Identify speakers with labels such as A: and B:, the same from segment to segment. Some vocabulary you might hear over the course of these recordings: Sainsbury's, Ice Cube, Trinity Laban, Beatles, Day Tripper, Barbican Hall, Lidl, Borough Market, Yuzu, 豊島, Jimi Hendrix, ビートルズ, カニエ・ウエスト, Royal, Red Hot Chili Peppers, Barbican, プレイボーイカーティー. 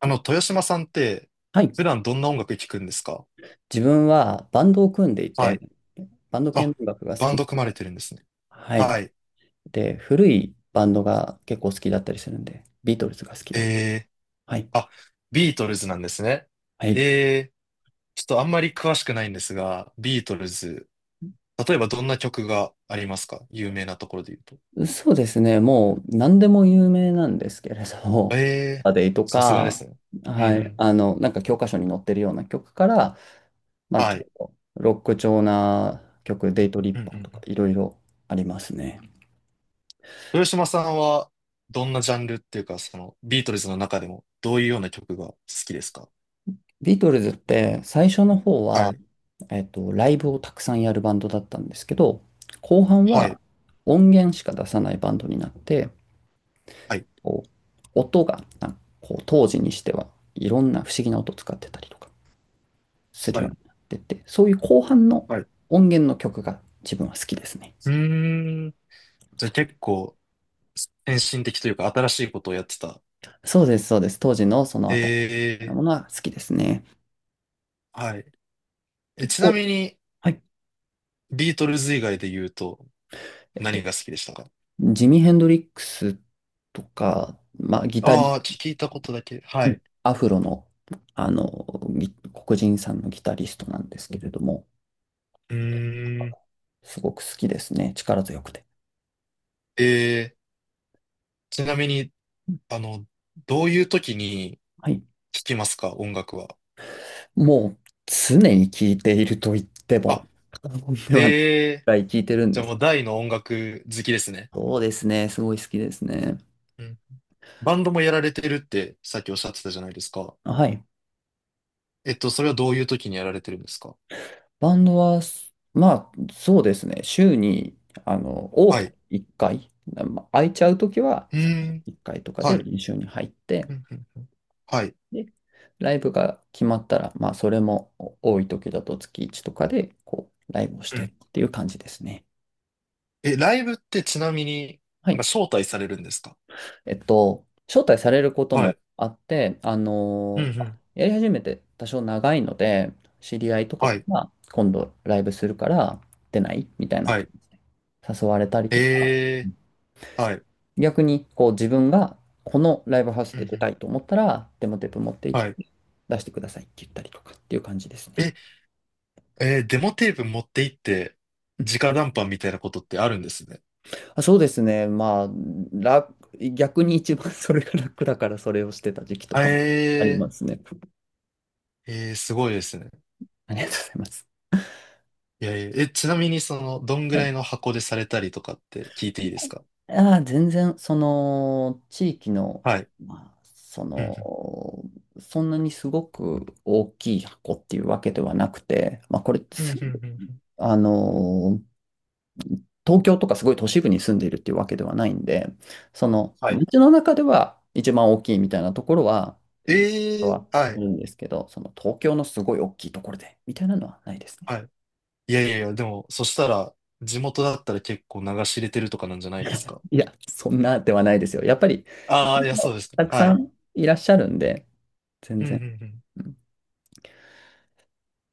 A: 豊島さんって、
B: はい。
A: 普段どんな音楽聴くんですか？
B: 自分はバンドを組んでい
A: は
B: て、
A: い。
B: バンド系の
A: あ、
B: 音楽が好
A: バン
B: き。
A: ド組まれてるんですね。
B: はい。
A: はい。
B: で、古いバンドが結構好きだったりするんで、ビートルズが好きだった。
A: え
B: はい。
A: あ、ビートルズなんですね。
B: はい。
A: えー、ちょっとあんまり詳しくないんですが、ビートルズ、例えばどんな曲がありますか、有名なところで言うと？
B: そうですね。もう何でも有名なんですけれど、
A: えー、
B: アデイと
A: さすがで
B: か、
A: すね。うんう
B: はい。
A: ん。
B: なんか教科書に載ってるような曲から、まあち
A: は
B: ょ
A: い。
B: っとロック調な曲、デイトリッ
A: うんうんう
B: パーとか
A: ん。
B: いろいろありますね。
A: 豊島さんは、どんなジャンルっていうか、その、ビートルズの中でも、どういうような曲が好きですか？
B: ビートルズって最初の方
A: は
B: は、
A: い。
B: ライブをたくさんやるバンドだったんですけど、後半
A: はい。
B: は音源しか出さないバンドになって、
A: はい。
B: こう、音が、なんかこう、当時にしてはいろんな不思議な音を使ってたりとかする
A: は
B: よう
A: い。
B: になってって、そういう後半の
A: はい。
B: 音源の曲が自分は好きですね。
A: うーん。じゃあ結構、先進的というか新しいことをやってた。
B: そうです、そうです。当時のその新しい
A: ええ、
B: ものは好きですね。
A: はい。え、ちな
B: お、
A: みに、
B: はい。
A: ビートルズ以外で言うと、
B: えっと、
A: 何が好きでしたか？
B: ジミー・ヘンドリックスとか、まあ、ギタ
A: あ
B: リ
A: あー、聞いたことだけ。は
B: うん
A: い。
B: アフロの、あの、黒人さんのギタリストなんですけれども、
A: うーん。
B: すごく好きですね。力強くて。
A: ええ、ちなみに、あの、どういう時に
B: はい。
A: 聞きますか、音楽は？
B: もう、常に聴いていると言っても、
A: あ、
B: 過言ではないく
A: ええ、
B: らい聴いてるん
A: じ
B: で
A: ゃあ
B: す。
A: もう大の音楽好きですね。
B: そうですね。すごい好きですね。
A: うん。バンドもやられてるってさっきおっしゃってたじゃないですか。
B: はい。
A: それはどういう時にやられてるんですか？
B: バンドは、まあ、そうですね。週に、多
A: は
B: く
A: い。う
B: 1回、まあ空いちゃうときは
A: ーん。
B: 1回とか
A: は
B: で
A: い。
B: 練習に入って、
A: うんうん。はい。
B: で、ライブが決まったら、まあ、それも多い時だと月1とかで、こう、ライブをし
A: う
B: てっ
A: ん。
B: ていう感じですね。
A: え、ライブってちなみに
B: は
A: なんか
B: い。
A: 招待されるんですか？
B: 招待されること
A: は
B: も
A: い。
B: あって、
A: うんうん。
B: やり始めて多少長いので、知り合いとか
A: はい。
B: が今度ライブするから出ないみたいな
A: は
B: 感
A: い。
B: じで誘われたりとか、
A: えはい。う
B: 逆にこう自分がこのライブハウス
A: んう
B: で出た
A: ん。
B: いと思ったら、デモテープ持って行っ
A: はい。
B: て出してくださいって言ったりとかっていう感じですね。うん。
A: え、デモテープ持って行って、直談判みたいなことってあるんですね。
B: あ、そうですね。まあ、楽、逆に一番 それが楽だからそれをしてた時期とかもあり
A: え
B: ますね。
A: えー、すごいですね。
B: ありがとうございます。
A: いやいや、え、ちなみに、その、どんぐ
B: は
A: らい
B: い。
A: の箱でされたりとかって聞いていいですか？
B: ああ、全然、その、地域の、
A: はい。
B: まあ、そ
A: うん
B: の、そんなにすごく大きい箱っていうわけではなくて、まあ、これって
A: うんうん
B: す、
A: うんうんうん。
B: あの、東京とかすごい都市部に住んでいるっていうわけではないんで、その
A: はい。
B: 街の中では一番大きいみたいなところは、は
A: は
B: ある
A: い。
B: んですけど、その東京のすごい大きいところでみたいなのはないですね。
A: はい。いやいやいや、でも、そしたら、地元だったら結構流し入れてるとかなんじゃないですか。
B: いや、そんなではないですよ。やっぱり、
A: ああ、いや、そうですか。
B: たく
A: は
B: さ
A: い。
B: んいらっしゃるんで、全
A: うんう
B: 然。
A: んうん。
B: うん。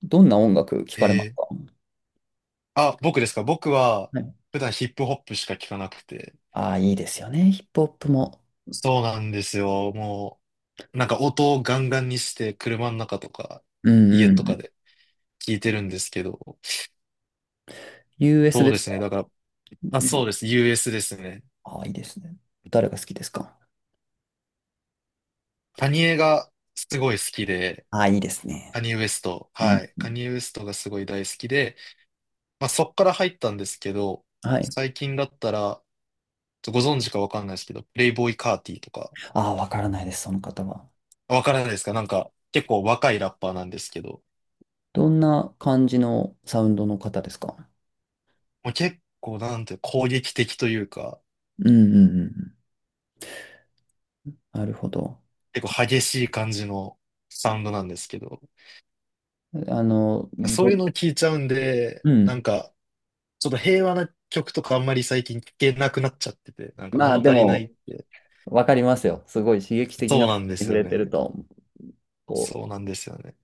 B: どんな音楽聞かれます
A: えー、
B: か？
A: あ、僕ですか。僕は、
B: はい。
A: 普段ヒップホップしか聞かなくて。
B: ああ、いいですよね。ヒップホップも。
A: そうなんですよ。もう、なんか音をガンガンにして、車の中とか、
B: うん
A: 家
B: う
A: とか
B: ん。
A: で聞いてるんですけど。
B: US
A: そう
B: で
A: で
B: す
A: すね。
B: か？
A: だから、まあ、
B: う
A: そう
B: ん。
A: です。US ですね。
B: ああ、いいですね。誰が好きですか？
A: カニエがすごい好きで、
B: ああ、いいです
A: カ
B: ね。
A: ニエ・ウエスト。
B: う
A: は
B: ん。
A: い。カニエ・ウエストがすごい大好きで、まあ、そっから入ったんですけど、
B: はい。
A: 最近だったら、ちょっとご存知かわかんないですけど、プレイボーイカーティーとか、
B: ああ、わからないです、その方は。
A: わからないですか？なんか、結構若いラッパーなんですけど、
B: どんな感じのサウンドの方ですか？
A: もう結構なんて攻撃的というか、
B: うんうんうん。なるほど。
A: 結
B: ち
A: 構
B: ょ
A: 激しい感じのサウンドなんですけど、
B: あの、
A: そ
B: ど
A: ういうのを聞いちゃうんで、
B: う
A: なん
B: ん。
A: か、ちょっと平和な曲とかあんまり最近聞けなくなっちゃってて、なんか
B: まあ
A: 物
B: で
A: 足りない
B: も、
A: って。
B: わかりますよ。すごい刺激的
A: そ
B: な
A: う
B: に
A: なんです
B: 触
A: よ
B: れてる
A: ね。
B: と、こ
A: そうなんですよね。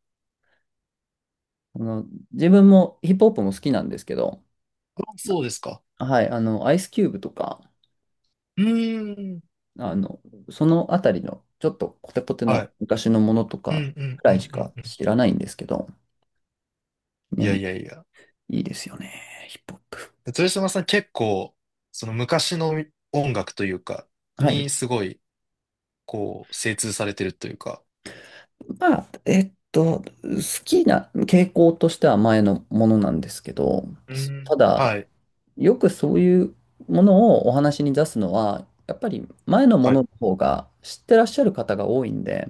B: う、自分もヒップホップも好きなんですけど、
A: あ、そうですか。
B: はい、アイスキューブとか、
A: うーん。
B: あの、そのあたりの、ちょっとコテコテ
A: は
B: の昔のものと
A: い。う
B: か
A: んうん
B: く
A: う
B: らいし
A: んうん
B: か
A: うん。
B: 知らないんですけど、で
A: い
B: も
A: や
B: い
A: いやいや。
B: いですよね、ヒップホップ。
A: 豊島さん結構、その昔の音楽というか、
B: はい。
A: にすごい、こう、精通されてるというか。
B: まあ、好きな傾向としては前のものなんですけど、
A: う
B: た
A: ん。
B: だ、
A: はい。
B: よくそういうものをお話に出すのは、やっぱり前のも
A: は
B: の
A: い。
B: の方が知ってらっしゃる方が多いんで、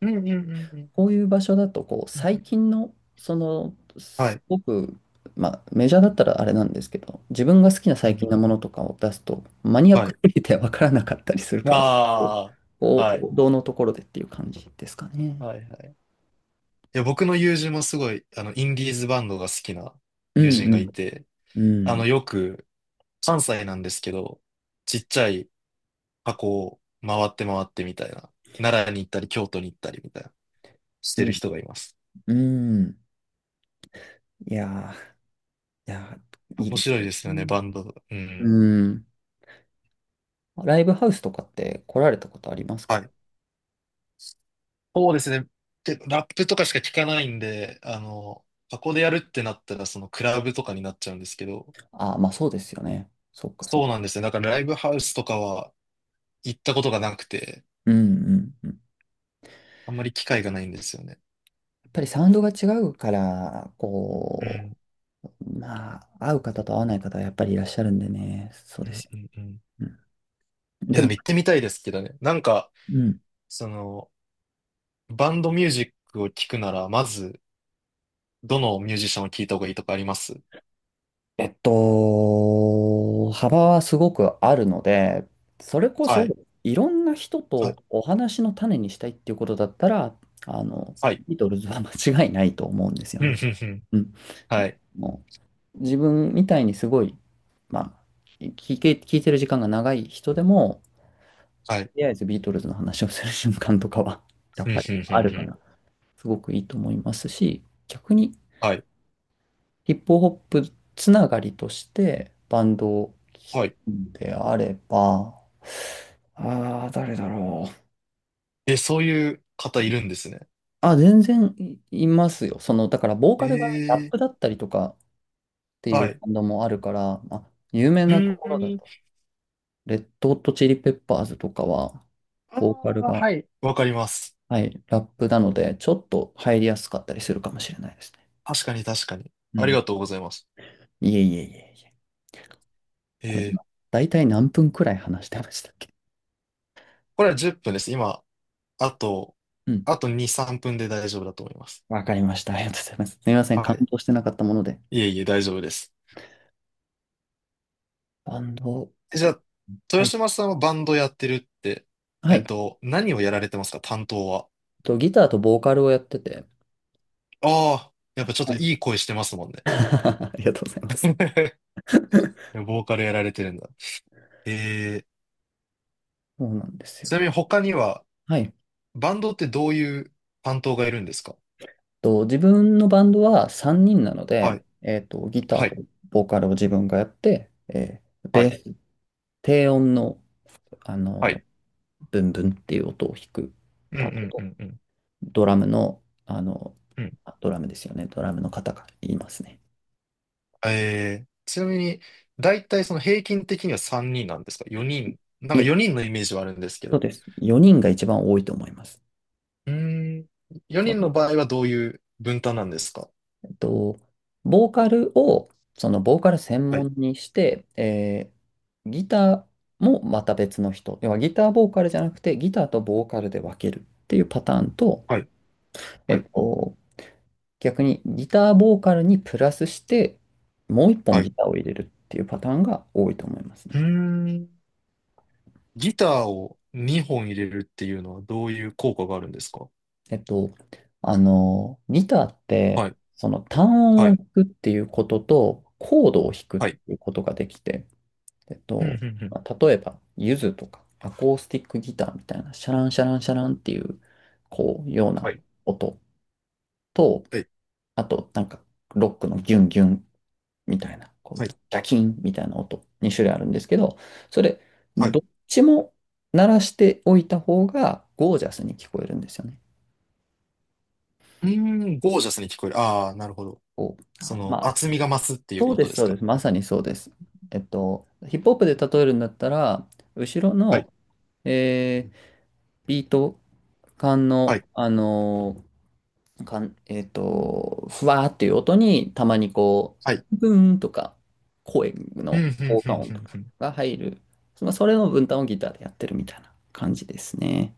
A: うんうんうんうん
B: こういう場所だと、こう、
A: うん。
B: 最近の、その、
A: は
B: す
A: い。
B: ごく、まあ、メジャーだったらあれなんですけど、自分が好きな
A: うんう
B: 最近
A: ん。
B: のものとかを出すと、マニアッ
A: は
B: ク
A: い。
B: すぎて分からなかったりするから、こ
A: ああ、
B: う、
A: はい。
B: 王道のところでっていう感じですかね。
A: はいはい。いや、僕の友人もすごい、インディーズバンドが好きな
B: う
A: 友
B: ん
A: 人
B: う
A: がい
B: ん。
A: て、
B: うん。
A: よく、関西なんですけど、ちっちゃい箱を回って回ってみたいな、奈良に行ったり、京都に行ったりみたいな、して
B: い
A: る
B: いで
A: 人
B: す。
A: がいます。
B: うん。いやー、いやー、いい
A: 面
B: です
A: 白い
B: よ。
A: です
B: う
A: よね、
B: ん、
A: バンド。うん。
B: うん。ライブハウスとかって来られたことありますか？
A: はい。そうですね。で、ラップとかしか聞かないんで、箱でやるってなったら、そのクラブとかになっちゃうんですけど、
B: ああ、まあそうですよね。そっかそっ
A: そう
B: か。
A: なんですね。だからライブハウスとかは行ったことがなくて、
B: うんうんうん。や
A: あんまり機会がないんですよね。
B: っぱりサウンドが違うから、
A: う
B: こ
A: ん、
B: う、まあ、合う方と合わない方はやっぱりいらっしゃるんでね。そう
A: う
B: です
A: ん、
B: よ。
A: うん、うん。
B: うん、
A: いや、
B: で
A: でも
B: も、
A: 行ってみたいですけどね。なんか、
B: うん。
A: その、バンドミュージックを聞くなら、まず、どのミュージシャンを聞いた方がいいとかあります？
B: 幅はすごくあるので、それこ
A: は
B: そ
A: い。
B: いろんな人
A: は
B: と
A: い。
B: お話の種にしたいっていうことだったら、あの、
A: はい。
B: ビートルズは間違いないと思うんですよ
A: うん、うん、
B: ね。
A: うん。
B: うん。
A: はい。
B: もう自分みたいにすごい、まあ、聞いてる時間が長い人でも、
A: はい。
B: とりあえずビートルズの話をする瞬間とかは、や
A: う
B: っ
A: ん、うん、
B: ぱり
A: う
B: ある
A: ん、う
B: か
A: ん。
B: ら、すごくいいと思いますし、逆に
A: はい。
B: ヒップホップつながりとしてバンドを聴
A: はい。
B: くであれば、ああ、誰だろう。
A: え、そういう方いるんですね。
B: あ、全然いますよ。その、だから、ボーカルがラッ
A: ええ、
B: プだったりとかってい
A: は
B: う
A: い。
B: バンドもあるから、まあ、有名
A: う
B: なと
A: ー
B: ころだと、
A: ん。
B: レッドホットチリペッパーズとかは、
A: あ
B: ボーカル
A: あ、
B: が、
A: はい。わかります。
B: はい、ラップなので、ちょっと入りやすかったりするかもしれないですね。
A: 確かに確かに。
B: う
A: あり
B: ん。
A: がとうございます。
B: いえいえいえいえ。これ
A: え
B: 今、
A: え、
B: 大体何分くらい話してましたっけ？
A: これは10分です。今、あと、
B: うん。
A: あと2、3分で大丈夫だと思います。
B: わかりました。ありがとうございます。すみません。
A: は
B: 感
A: い。
B: 動してなかったもので。
A: いえいえ、大丈夫です。
B: バンド、
A: え、じゃあ、
B: は
A: 豊
B: い。
A: 島さんはバンドやってるって、
B: はい。
A: 何をやられてますか、担当は？
B: ギターとボーカルをやってて、
A: ああ、やっぱちょっ
B: は
A: と
B: い。
A: いい声してますもん ね。
B: ありがとうございます。
A: ボーカルやられてるんだ。えー、
B: そうなんです
A: ち
B: よ。
A: なみに他には
B: はい。
A: バンドってどういう担当がいるんですか？
B: 自分のバンドは3人なの
A: はい、
B: で、ギタ
A: は
B: ーと
A: い、
B: ボーカルを自分がやって、
A: は
B: ベー
A: い、
B: ス、低音の、あ
A: は
B: の、
A: い。
B: ブンブンっていう音を弾く
A: うんう
B: パート
A: んう
B: と、
A: んうん
B: ドラムの、
A: うん。
B: ドラムですよね。ドラムの方が言いますね。
A: ちなみに、だいたい、その、平均的には3人なんですか？ 4 人。なん
B: い
A: か
B: え、
A: 4人のイメージはあるんですけ
B: そう
A: ど。
B: です。4人が一番多いと思います。
A: うーん。
B: そ
A: 4人の
B: の
A: 場合はどういう分担なんですか？
B: と、ボーカルを、そのボーカル専
A: はい、
B: 門にして、ギターもまた別の人。要はギターボーカルじゃなくて、ギターとボーカルで分けるっていうパターンと、
A: はい、
B: え
A: は
B: っ
A: い、
B: と、逆にギターボーカルにプラスして、もう一本
A: はい。
B: ギ
A: う
B: ターを入れるっていうパターンが多いと思いますね。
A: ーん。ギターを2本入れるっていうのはどういう効果があるんですか？
B: えっと、ギターって、
A: はい、
B: その単音
A: は
B: を
A: い、
B: 弾くっていうことと、コードを弾くっ
A: はい。
B: ていうことができて、えっ
A: うんう
B: と、
A: んうん。
B: まあ、例えば、ユズとかアコースティックギターみたいな、シャランシャランシャランっていう、こう、よう
A: は
B: な
A: い、
B: 音と、
A: はい、
B: あと、なんか、ロックのギュンギュンみたいな、こう、
A: は
B: ジ
A: い、
B: ャキンみたいな音、2種類あるんですけど、それ、
A: はい。
B: ど
A: う
B: っちも鳴らしておいた方が、ゴージャスに聞こえるんですよね。
A: ーん、ゴージャスに聞こえる。ああ、なるほど。
B: こう、
A: そ
B: あ、
A: の
B: まあ、
A: 厚みが増すっていう
B: そう
A: こ
B: で
A: と
B: す、
A: です
B: そうで
A: か？
B: す。まさにそうです。ヒップホップで例えるんだったら、後ろ
A: は
B: の、
A: い。
B: えービート管
A: は
B: の、
A: い。
B: 管えっと、ふわーっていう音に、たまにこ
A: はい。
B: う、ブーンとか、声
A: うん、う
B: の
A: ん、
B: 効
A: う
B: 果
A: ん、
B: 音
A: う
B: と
A: ん、う
B: か
A: ん。
B: が入る。まあ、それの分担をギターでやってるみたいな感じですね。